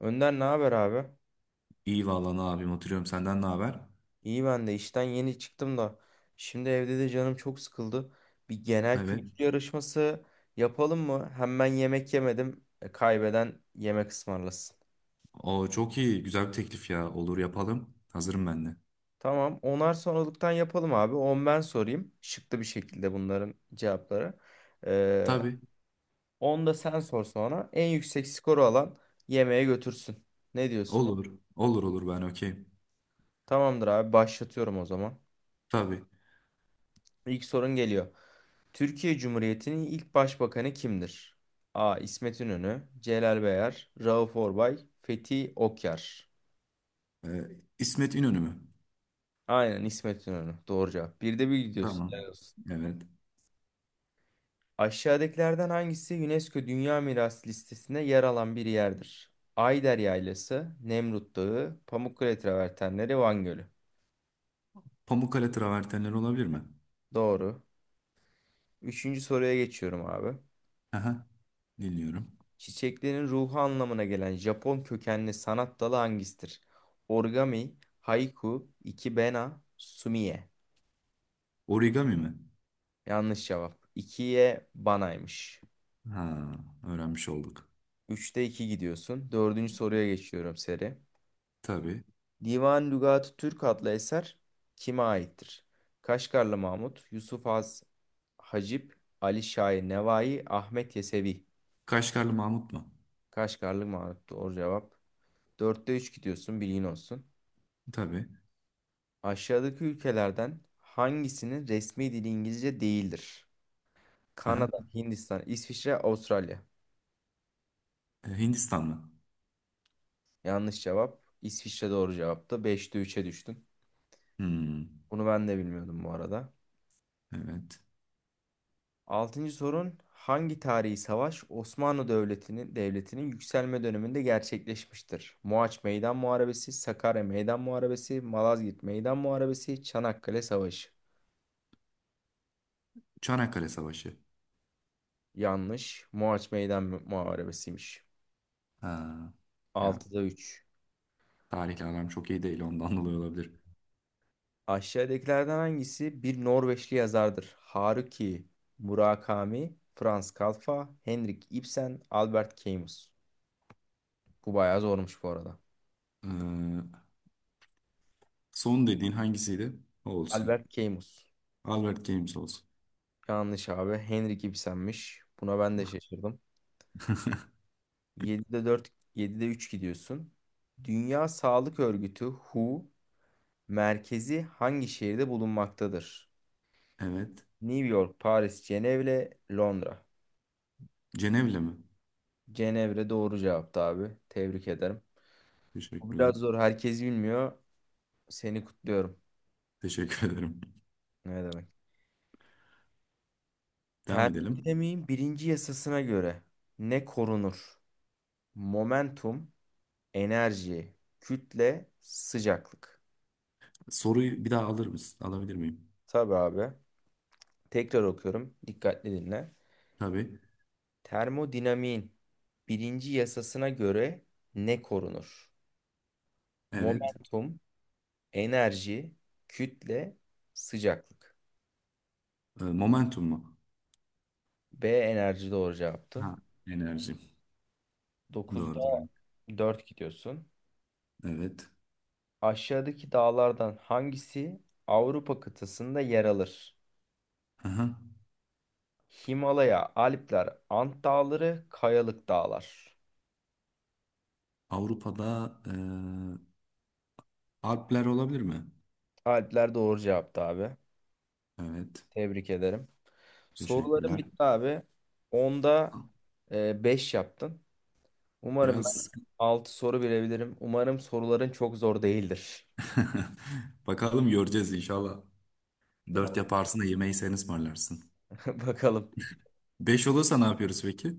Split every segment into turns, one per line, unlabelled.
Önder, ne haber abi?
İyi vallahi, ne yapayım, oturuyorum. Senden ne haber?
İyi, ben de işten yeni çıktım da. Şimdi evde de canım çok sıkıldı. Bir genel
Evet.
kültür yarışması yapalım mı? Hem ben yemek yemedim. Kaybeden yemek ısmarlasın.
O çok iyi, güzel bir teklif ya, olur yapalım. Hazırım ben de.
Tamam. Onar sonralıktan yapalım abi. 10 ben sorayım. Şıklı bir şekilde bunların cevapları. Ee,
Tabii,
10 da sen sor sonra. En yüksek skoru alan yemeğe götürsün. Ne diyorsun?
olur olur olur, ben okeyim.
Tamamdır abi. Başlatıyorum o zaman.
Tabii.
İlk sorun geliyor. Türkiye Cumhuriyeti'nin ilk başbakanı kimdir? A. İsmet İnönü, Celal Bayar, Rauf Orbay, Fethi Okyar.
Ee, İsmet İnönü mü?
Aynen, İsmet İnönü. Doğru cevap. Bir de bir gidiyorsun. Helal
Tamam.
olsun.
Evet.
Aşağıdakilerden hangisi UNESCO Dünya Mirası listesinde yer alan bir yerdir? Ayder Yaylası, Nemrut Dağı, Pamukkale Travertenleri, Van Gölü.
Pamukkale travertenleri olabilir mi?
Doğru. Üçüncü soruya geçiyorum abi.
Aha, dinliyorum.
Çiçeklerin ruhu anlamına gelen Japon kökenli sanat dalı hangisidir? Origami, haiku, ikebana, sumiye.
Origami mi?
Yanlış cevap. İkiye banaymış.
Ha, öğrenmiş olduk.
Üçte 2 gidiyorsun. Dördüncü soruya geçiyorum seri.
Tabii.
Divan Lügat-ı Türk adlı eser kime aittir? Kaşgarlı Mahmut, Yusuf Az Hacip, Ali Şair Nevai, Ahmet Yesevi.
Kaşgarlı Mahmut mu?
Kaşgarlı Mahmut, doğru cevap. Dörtte 3 gidiyorsun, bilgin olsun.
Tabii.
Aşağıdaki ülkelerden hangisinin resmi dili İngilizce değildir?
Aha.
Kanada, Hindistan, İsviçre, Avustralya.
Hindistan mı?
Yanlış cevap. İsviçre doğru cevaptı. 5'te 3'e düştün.
Hmm,
Bunu ben de bilmiyordum bu arada.
evet.
Altıncı sorun. Hangi tarihi savaş Osmanlı devletinin yükselme döneminde gerçekleşmiştir? Mohaç Meydan Muharebesi, Sakarya Meydan Muharebesi, Malazgirt Meydan Muharebesi, Çanakkale Savaşı.
Çanakkale Savaşı.
Yanlış. Mohaç Meydan Muharebesi'ymiş.
Ha. Ya,
6'da 3.
tarihle aram çok iyi değil, ondan dolayı olabilir.
Aşağıdakilerden hangisi bir Norveçli yazardır? Haruki Murakami, Franz Kalfa, Henrik Ibsen, Albert Camus. Bu bayağı zormuş bu arada.
Ee, son dediğin hangisiydi? O olsun.
Albert Camus.
Albert Games olsun.
Yanlış abi. Henrik Ibsen'miş. Buna ben de şaşırdım. 7'de 4, 7'de 3 gidiyorsun. Dünya Sağlık Örgütü WHO merkezi hangi şehirde bulunmaktadır?
Evet.
New York, Paris, Cenevre, Londra.
Cenevle mi?
Cenevre doğru cevaptı abi. Tebrik ederim. Bu biraz
Teşekkürler.
zor. Herkes bilmiyor. Seni kutluyorum.
Teşekkür ederim.
Ne demek?
Devam edelim.
Termodinamiğin birinci yasasına göre ne korunur? Momentum, enerji, kütle, sıcaklık.
Soruyu bir daha alır mısın? Alabilir miyim?
Tabii abi. Tekrar okuyorum. Dikkatli dinle.
Tabii.
Termodinamiğin birinci yasasına göre ne korunur?
Evet.
Momentum, enerji, kütle, sıcaklıklık.
Momentum mu?
B enerji, doğru cevaptı.
Ha. Enerji.
Dokuzda
Doğrudur.
4 gidiyorsun.
Evet.
Aşağıdaki dağlardan hangisi Avrupa kıtasında yer alır?
Aha.
Himalaya, Alpler, Ant Dağları, Kayalık Dağlar.
Avrupa'da Alpler olabilir mi?
Alpler doğru cevaptı abi.
Evet.
Tebrik ederim. Sorularım
Teşekkürler.
bitti abi. Onda 5 yaptın. Umarım ben
Biraz
6 soru bilebilirim. Umarım soruların çok zor değildir.
bakalım, göreceğiz inşallah. Dört
Tamam.
yaparsın da yemeği sen ısmarlarsın.
Bakalım.
Beş olursa ne yapıyoruz peki?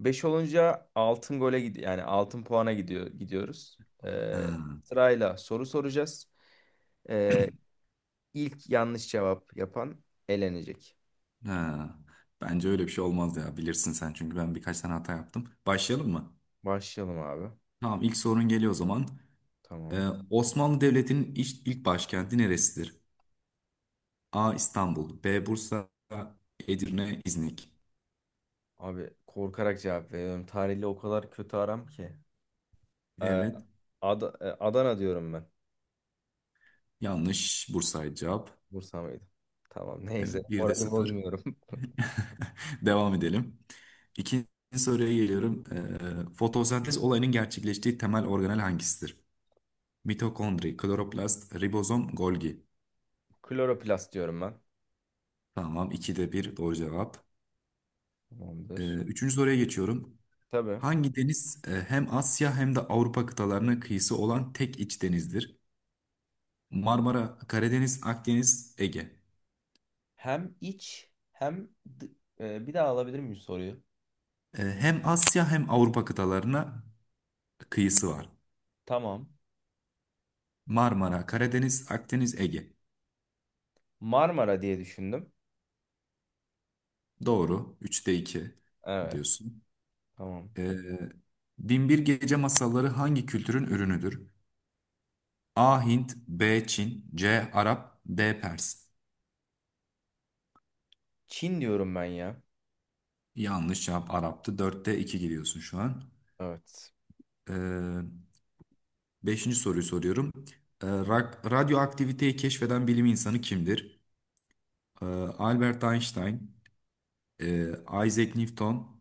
5 olunca altın gole gidiyor. Yani altın puana gidiyoruz.
Ha,
Sırayla soru soracağız. Ee, İlk yanlış cevap yapan elenecek.
ha. Bence öyle bir şey olmaz ya. Bilirsin sen, çünkü ben birkaç tane hata yaptım. Başlayalım mı?
Başlayalım abi.
Tamam, ilk sorun geliyor o zaman.
Tamam.
Osmanlı Devleti'nin ilk başkenti neresidir? A. İstanbul, B. Bursa, Edirne, İznik.
Abi, korkarak cevap veriyorum. Tarihle o kadar kötü aram ki. Ee,
Evet,
Adana diyorum ben.
yanlış. Bursa'ydı cevap.
Bursa mıydı? Tamam, neyse.
Evet, bir de
Orayı
sıfır.
bozmuyorum.
Devam edelim. İkinci soruya geliyorum. Fotosentez olayının gerçekleştiği temel organel hangisidir? Mitokondri, kloroplast, ribozom, Golgi.
Kloroplast diyorum ben.
Tamam, ikide bir doğru cevap.
Tamamdır.
Üçüncü soruya geçiyorum.
Tabii.
Hangi deniz hem Asya hem de Avrupa kıtalarına kıyısı olan tek iç denizdir? Marmara, Karadeniz, Akdeniz, Ege.
Hem iç hem bir daha alabilir miyim soruyu?
Hem Asya hem Avrupa kıtalarına kıyısı var.
Tamam.
Marmara, Karadeniz, Akdeniz, Ege.
Marmara diye düşündüm.
Doğru. Üçte iki
Evet.
diyorsun.
Tamam.
Ee, Binbir Gece Masalları hangi kültürün ürünüdür? A. Hint, B. Çin, C. Arap, D. Pers.
Çin diyorum ben ya.
Yanlış cevap, Arap'tı. Dörtte 2 gidiyorsun şu an.
Evet.
Ee, beşinci soruyu soruyorum. Radyoaktiviteyi keşfeden bilim insanı kimdir? Ee, Albert Einstein, e, Isaac Newton,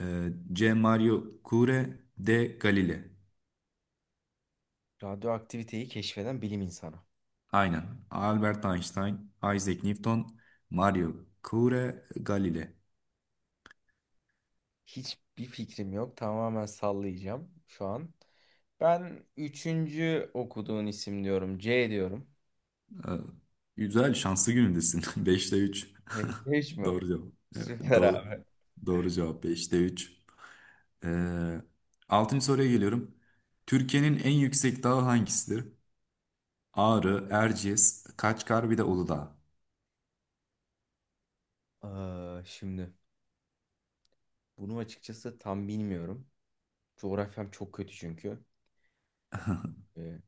C. Mario Curie, D. Galileo.
Radyoaktiviteyi keşfeden bilim insanı.
Aynen. Albert Einstein, Isaac Newton, Mario Curie, Galileo.
Hiçbir fikrim yok. Tamamen sallayacağım şu an. Ben üçüncü okuduğun isim diyorum. C diyorum.
Ee, Güzel, şanslı günündesin. Beşte üç.
Hiç mi?
Doğru cevap. Evet,
Süper
doğru.
abi.
Doğru cevap, beşte üç. Ee, 6. soruya geliyorum. Türkiye'nin en yüksek dağı hangisidir? Ağrı, Erciyes, Kaçkar, bir de Uludağ.
Aa, şimdi bunu açıkçası tam bilmiyorum. Coğrafyam çok kötü çünkü. Ee,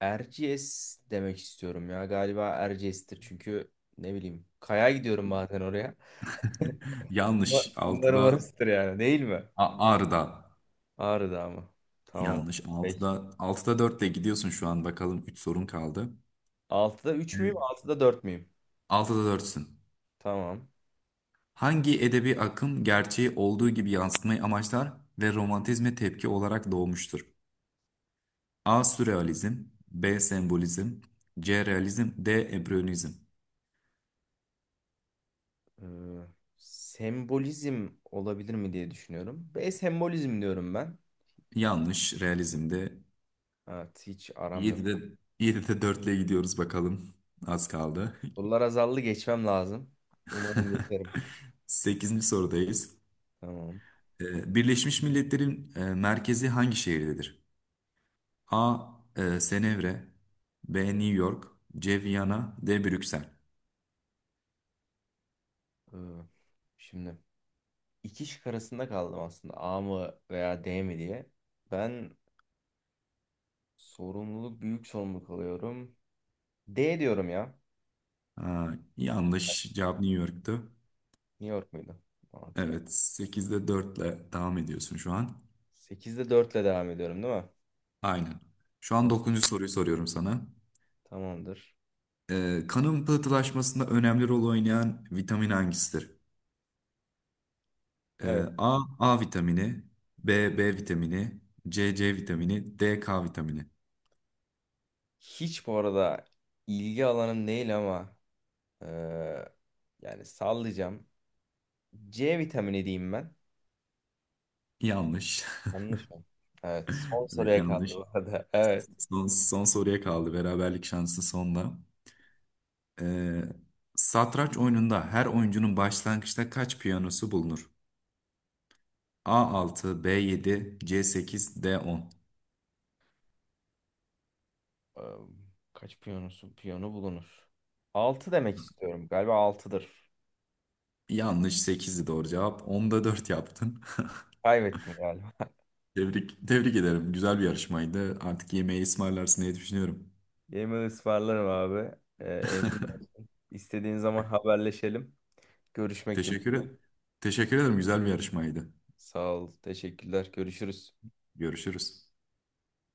Erciyes demek istiyorum ya. Galiba Erciyes'tir çünkü ne bileyim. Kaya gidiyorum bazen oraya.
Yanlış,
Umarım
altıda.
orasıdır yani, değil mi?
Ağrı'da.
Ağrı Dağı mı? Tamam.
Yanlış,
Peki.
altıda 4'te gidiyorsun şu an. Bakalım, 3 sorun kaldı.
Altıda 3 müyüm?
Evet.
Altıda 4 müyüm?
6'da 4'sün.
Tamam.
Hangi edebi akım gerçeği olduğu gibi yansıtmayı amaçlar ve romantizme tepki olarak doğmuştur? A. Sürrealizm, B. Sembolizm, C. Realizm, D. Empiryonizm.
Ee, Sembolizm olabilir mi diye düşünüyorum. B sembolizm diyorum ben.
Yanlış. Realizm'de.
Evet, hiç aram yok.
7'de 7'de 4 ile gidiyoruz, bakalım. Az kaldı.
Sorular azaldı, geçmem lazım. Umarım geçerim.
Sekizinci sorudayız.
Tamam.
Birleşmiş Milletler'in merkezi hangi şehirdedir? A. Cenevre, B. New York, C. Viyana, D. Brüksel.
Ee, Şimdi iki şık arasında kaldım aslında. A mı veya D mi diye. Ben büyük sorumluluk alıyorum. D diyorum ya.
Aa, yanlış cevap, New York'tu.
New York muydu? Okey.
Evet, 8'de dörtle devam ediyorsun şu an.
8'de 4 ile devam ediyorum, değil mi?
Aynen. Şu an
Tamam.
9. soruyu soruyorum sana.
Tamamdır.
Kanın pıhtılaşmasında önemli rol oynayan vitamin hangisidir?
Evet.
A, A vitamini, B, B vitamini, C, C vitamini, D, K vitamini.
Hiç bu arada ilgi alanım değil ama Ee, yani sallayacağım. C vitamini diyeyim ben.
Yanlış.
Yanlış mı? Evet. Son
Evet,
soruya kaldı
yanlış.
bu arada. Evet.
Son soruya kaldı. Beraberlik şansı sonda. Ee, satranç oyununda her oyuncunun başlangıçta kaç piyanosu bulunur? A altı, b yedi, c sekiz, d on.
Ee, Kaç piyonusu? Piyonu bulunur. 6 demek istiyorum. Galiba altıdır.
Yanlış, 8'di doğru cevap. Onda 4 yaptın.
Kaybettim galiba.
Tebrik ederim. Güzel bir yarışmaydı. Artık yemeği ısmarlarsın diye düşünüyorum.
Yemin ısmarlarım abi. Emin olsun. İstediğin zaman haberleşelim. Görüşmek
Teşekkür
dileğiyle.
ederim. Teşekkür ederim. Güzel bir yarışmaydı.
Sağ ol. Teşekkürler. Görüşürüz.
Görüşürüz.